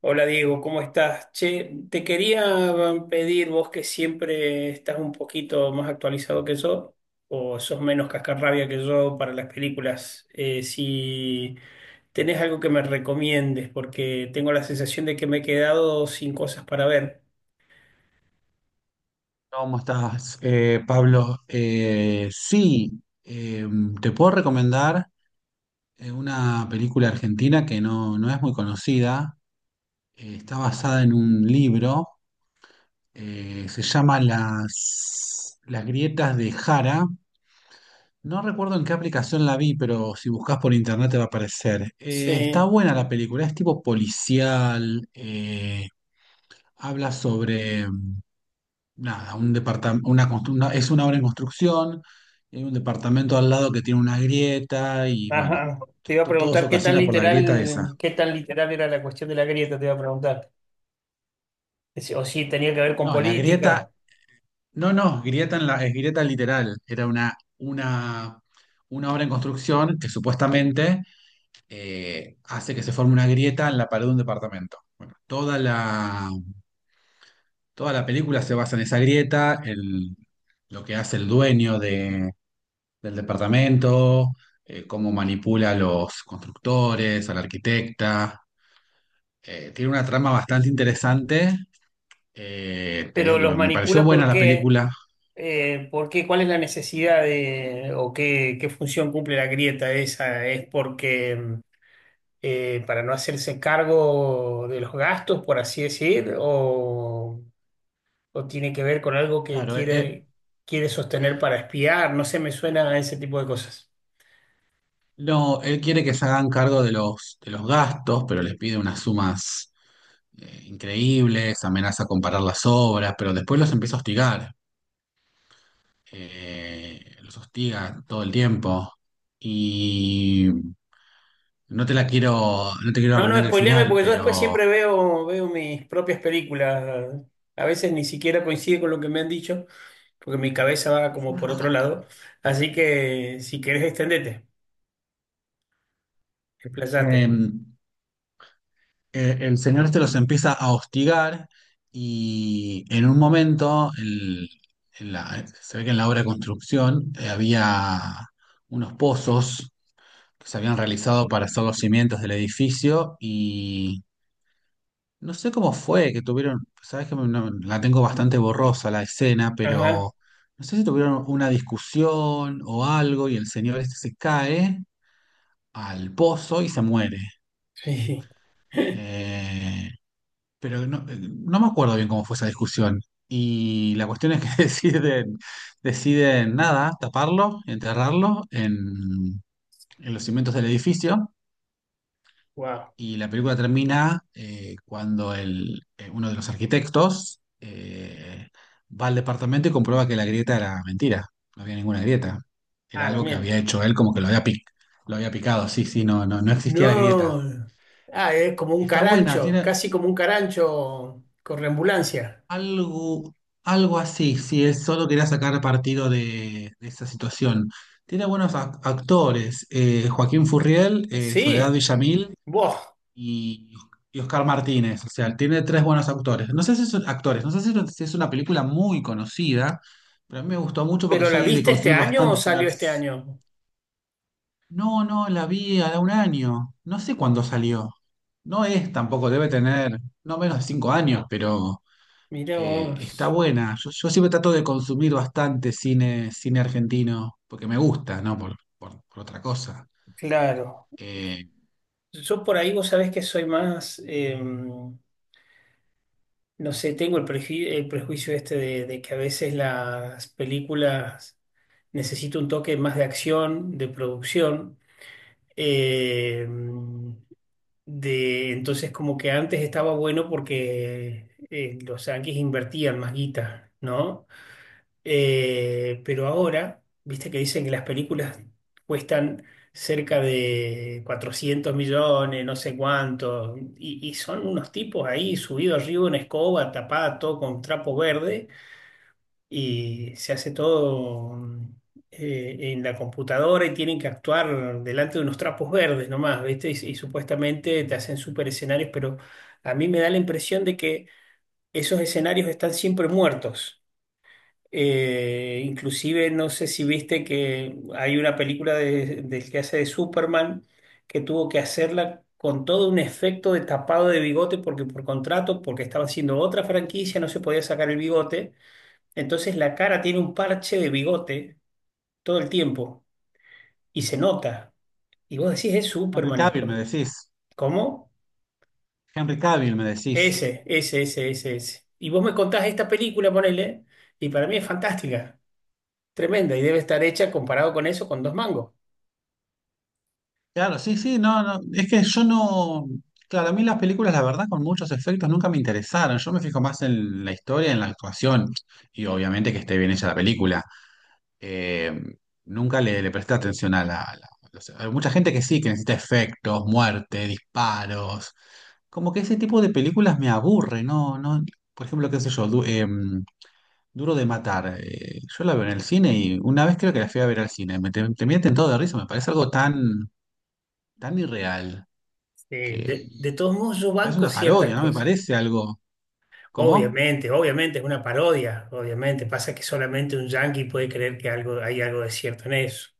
Hola Diego, ¿cómo estás? Che, te quería pedir, vos que siempre estás un poquito más actualizado que yo, o sos menos cascarrabia que yo para las películas, si tenés algo que me recomiendes, porque tengo la sensación de que me he quedado sin cosas para ver. ¿Cómo estás, Pablo? Sí, te puedo recomendar una película argentina que no es muy conocida. Está basada en un libro. Se llama Las grietas de Jara. No recuerdo en qué aplicación la vi, pero si buscas por internet te va a aparecer. Está Sí, buena la película, es tipo policial. Habla sobre nada, un departamento, es una obra en construcción, y hay un departamento al lado que tiene una grieta y bueno, ajá. Te iba a todo se preguntar ocasiona por la grieta esa. Qué tan literal era la cuestión de la grieta, te iba a preguntar. O si tenía que ver con No, la grieta, política. no, no, grieta en la, es grieta literal, era una obra en construcción que supuestamente hace que se forme una grieta en la pared de un departamento. Bueno, toda la película se basa en esa grieta, en lo que hace el dueño del departamento, cómo manipula a los constructores, a la arquitecta. Tiene una trama bastante interesante. Te Pero digo que los me pareció manipula, buena ¿por la qué? película. ¿Por qué? ¿Cuál es la necesidad o qué, qué función cumple la grieta esa? ¿Es porque para no hacerse cargo de los gastos, por así decir, o tiene que ver con algo que Claro, quiere, quiere sostener para espiar? No sé, me suena a ese tipo de cosas. no, él quiere que se hagan cargo de los gastos, pero les pide unas sumas increíbles, amenaza con parar las obras, pero después los empieza a hostigar. Los hostiga todo el tiempo. Y no te la quiero, no te quiero No, no, arruinar el spoileame final, porque yo después pero siempre veo mis propias películas. A veces ni siquiera coincide con lo que me han dicho, porque mi cabeza va como por otro lado. Así que si querés, extendete, explayate. em, el señor este los empieza a hostigar y en un momento se ve que en la obra de construcción había unos pozos que se habían realizado para hacer los cimientos del edificio y no sé cómo fue que tuvieron, sabes que la tengo bastante borrosa la escena, Ajá, pero no sé si tuvieron una discusión o algo y el señor este se cae al pozo y se muere. sí. Eh, Pero no, no me acuerdo bien cómo fue esa discusión. Y la cuestión es que deciden nada, taparlo, enterrarlo en los cimientos del edificio. Wow. Y la película termina cuando uno de los arquitectos va al departamento y comprueba que la grieta era mentira. No había ninguna grieta. Era Ah, la algo que había mierda. hecho él, como que lo había picado. Sí, sí, no, no, no existía la grieta. No. Ah, es como un Está buena, carancho, tiene, casi como un carancho correambulancia. Algo, algo así, si es solo quería sacar partido de esa situación. Tiene buenos actores, Joaquín Furriel, Soledad Sí, Villamil vos. y, y Oscar Martínez. O sea, tiene tres buenos actores. No sé si son actores, no sé si es una película muy conocida, pero a mí me gustó mucho porque ¿Pero la soy de viste este consumir año o bastante cine. salió este año? No, no, la vi hace un año. No sé cuándo salió. No es tampoco, debe tener no menos de 5 años, pero Mirá está vos. buena. Yo siempre trato de consumir bastante cine, cine argentino, porque me gusta, ¿no? Por otra cosa. Claro. Eh, Yo por ahí vos sabés que soy más, no sé, tengo el prejuicio este de que a veces las películas necesitan un toque más de acción, de producción. Eh, entonces, como que antes estaba bueno porque los yanquis invertían más guita, ¿no? Pero ahora, viste que dicen que las películas cuestan cerca de 400 millones, no sé cuánto, y son unos tipos ahí subidos arriba en escoba, tapada todo con trapo verde y se hace todo en la computadora y tienen que actuar delante de unos trapos verdes nomás, ¿viste? Y supuestamente te hacen super escenarios, pero a mí me da la impresión de que esos escenarios están siempre muertos. Inclusive no sé si viste que hay una película del que hace de Superman que tuvo que hacerla con todo un efecto de tapado de bigote porque por contrato, porque estaba haciendo otra franquicia, no se podía sacar el bigote, entonces la cara tiene un parche de bigote todo el tiempo y se nota. Y vos decís, es Henry Superman. Cavill, me decís. ¿Cómo? Henry Cavill, me decís. Ese, ese, ese, ese, ese. Y vos me contás esta película, ponele, y para mí es fantástica, tremenda, y debe estar hecha comparado con eso con dos mangos. Claro, sí, sí, no, no. Es que yo no. Claro, a mí las películas, la verdad, con muchos efectos nunca me interesaron. Yo me fijo más en la historia, en la actuación. Y obviamente que esté bien hecha la película. eh, nunca le presté atención. Hay mucha gente que sí, que necesita efectos, muerte, disparos. Como que ese tipo de películas me aburre, ¿no? No, por ejemplo, qué sé yo, Duro de Matar. Yo la veo en el cine y una vez creo que la fui a ver al cine. Me terminé tentado de risa, me parece algo tan, tan irreal que De todos modos, yo es banco una ciertas parodia, ¿no? Me cosas. parece algo. ¿Cómo? Obviamente, obviamente es una parodia, obviamente. Pasa que solamente un yankee puede creer que hay algo de cierto en eso.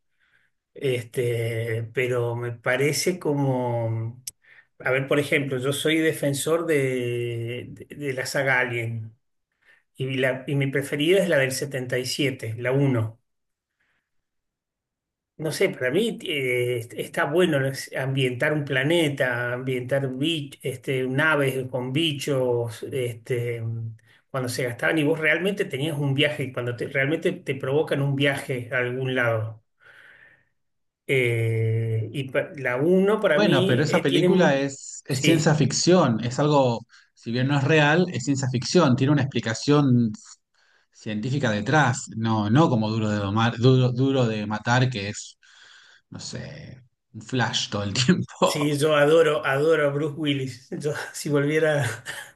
Este, pero me parece como... A ver, por ejemplo, yo soy defensor de la saga Alien y, y mi preferida es la del 77, la uno. No sé, para mí está bueno, ¿no? Es ambientar un planeta, ambientar este, naves con bichos, este, cuando se gastaban y vos realmente tenías un viaje, cuando realmente te provocan un viaje a algún lado. La uno para Bueno, pero mí esa tiene... película es Sí. ciencia ficción, es algo, si bien no es real, es ciencia ficción, tiene una explicación científica detrás, no como Duro de domar, duro de matar, que es, no sé, un flash todo el tiempo. Sí, yo adoro a Bruce Willis. Yo, si volviera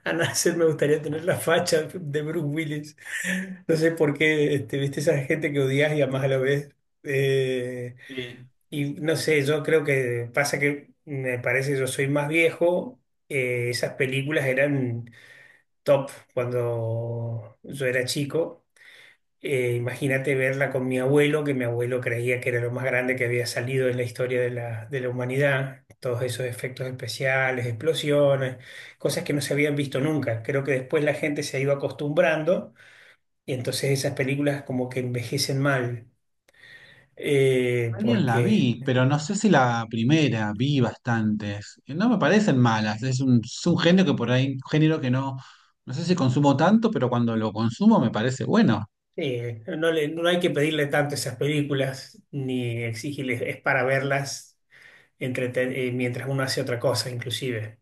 a nacer, me gustaría tener la facha de Bruce Willis. No sé por qué, este, viste, esa gente que odias y amas a la vez. Eh, Sí. No sé, yo creo que pasa que me parece, yo soy más viejo. Eh, esas películas eran top cuando yo era chico. Imagínate verla con mi abuelo, que mi abuelo creía que era lo más grande que había salido en la historia de de la humanidad. Todos esos efectos especiales, explosiones, cosas que no se habían visto nunca. Creo que después la gente se ha ido acostumbrando y entonces esas películas como que envejecen mal, Alguien la vi, porque pero no sé si la primera, vi bastantes. Y no me parecen malas, es un género que por ahí, un género que no sé si consumo tanto, pero cuando lo consumo me parece bueno. No no hay que pedirle tanto a esas películas ni exigirles, es para verlas mientras uno hace otra cosa, inclusive.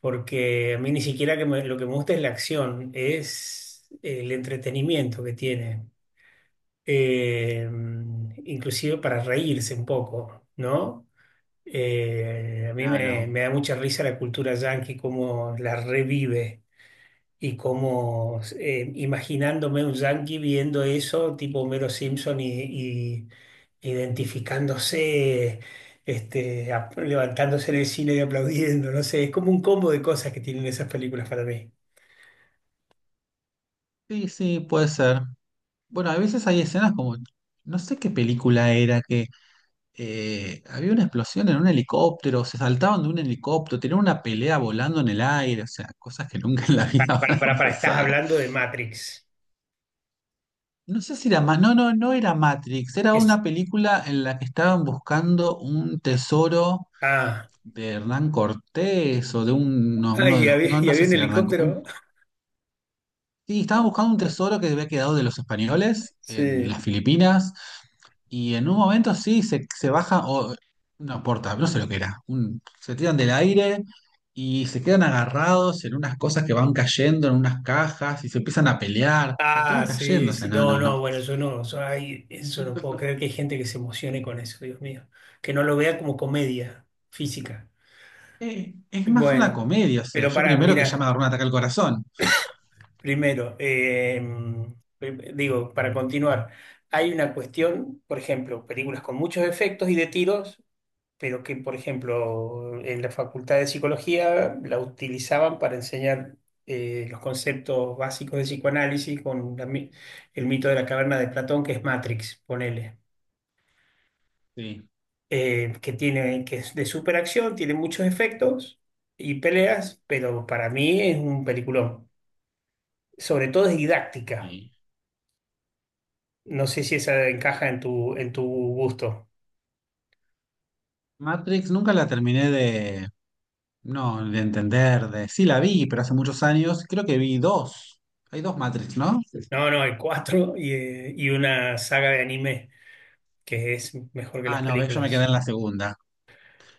Porque a mí ni siquiera lo que me gusta es la acción, es el entretenimiento que tiene. Eh, inclusive para reírse un poco, ¿no? A mí Claro. me da mucha risa la cultura yankee, cómo la revive. Y como imaginándome un yankee viendo eso, tipo Homero Simpson, y identificándose, este, levantándose en el cine y aplaudiendo, no sé, es como un combo de cosas que tienen esas películas para mí. Sí, sí, puede ser. Bueno, a veces hay escenas como, no sé qué película era, que había una explosión en un helicóptero, se saltaban de un helicóptero, tenían una pelea volando en el aire, o sea, cosas que nunca en la vida van a Estás pasar. hablando de Matrix. No sé si era más, no, no, no era Matrix, era Es, una película en la que estaban buscando un tesoro ah, de Hernán Cortés o no, uno de y los, había, no, y no sé había un si era Hernán Cortés. helicóptero. Sí, estaban buscando un tesoro que había quedado de los españoles en las Sí. Filipinas. Y en un momento sí, se baja, o no importa, no sé lo que era, se tiran del aire y se quedan agarrados en unas cosas que van cayendo, en unas cajas, y se empiezan a pelear, o sea, todo Ah, sí, cayendo, o sea, sí, no, no, no, no. no, bueno, yo no, yo, ay, eso no puedo creer que hay gente que se emocione con eso, Dios mío, que no lo vea como comedia física. Es más una Bueno, comedia, o sea, pero yo primero que ya me mira, agarró un ataque al corazón. primero, digo, para continuar, hay una cuestión, por ejemplo, películas con muchos efectos y de tiros, pero que, por ejemplo, en la Facultad de Psicología la utilizaban para enseñar los conceptos básicos de psicoanálisis con el mito de la caverna de Platón, que es Matrix, ponele, Sí, que tiene, que es de superacción, tiene muchos efectos y peleas, pero para mí es un peliculón. Sobre todo es didáctica. sí. No sé si esa encaja en en tu gusto. Matrix nunca la terminé de, no, de entender, de, sí la vi, pero hace muchos años, creo que vi dos. Hay dos Matrix, ¿no? No, no, hay cuatro y una saga de anime que es mejor que Ah, las no, ves, yo me quedé películas. en la segunda.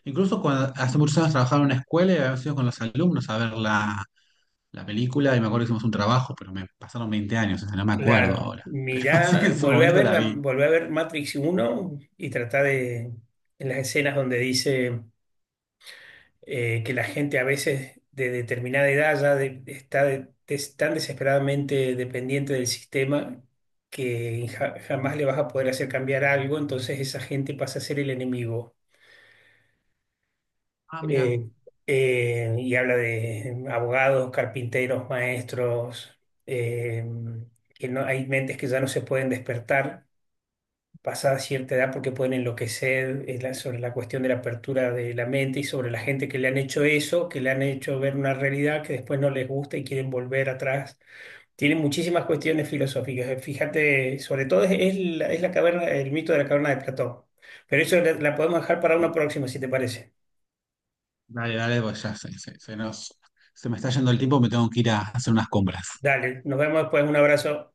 Incluso cuando hace muchos años trabajaba en una escuela y habíamos ido con los alumnos a ver la película y me acuerdo que hicimos un trabajo, pero me pasaron 20 años, o sea, no me acuerdo Claro, ahora. Pero así que mirá, en su momento la vi. volvé a ver Matrix uno y tratá de, en las escenas donde dice... Que la gente a veces de determinada edad tan desesperadamente dependiente del sistema que jamás le vas a poder hacer cambiar algo, entonces esa gente pasa a ser el enemigo. Ah, mira. Eh, y habla de abogados, carpinteros, maestros, eh, que no, hay mentes que ya no se pueden despertar pasada cierta edad porque pueden enloquecer sobre la cuestión de la apertura de la mente y sobre la gente que le han hecho eso, que le han hecho ver una realidad que después no les gusta y quieren volver atrás. Tiene muchísimas cuestiones filosóficas. Fíjate, sobre todo es la caverna, el mito de la caverna de Platón. Pero eso la podemos dejar para una próxima, si te parece. Dale, dale, pues ya se nos, se me está yendo el tiempo, me tengo que ir a hacer unas compras. Dale, nos vemos después. Un abrazo.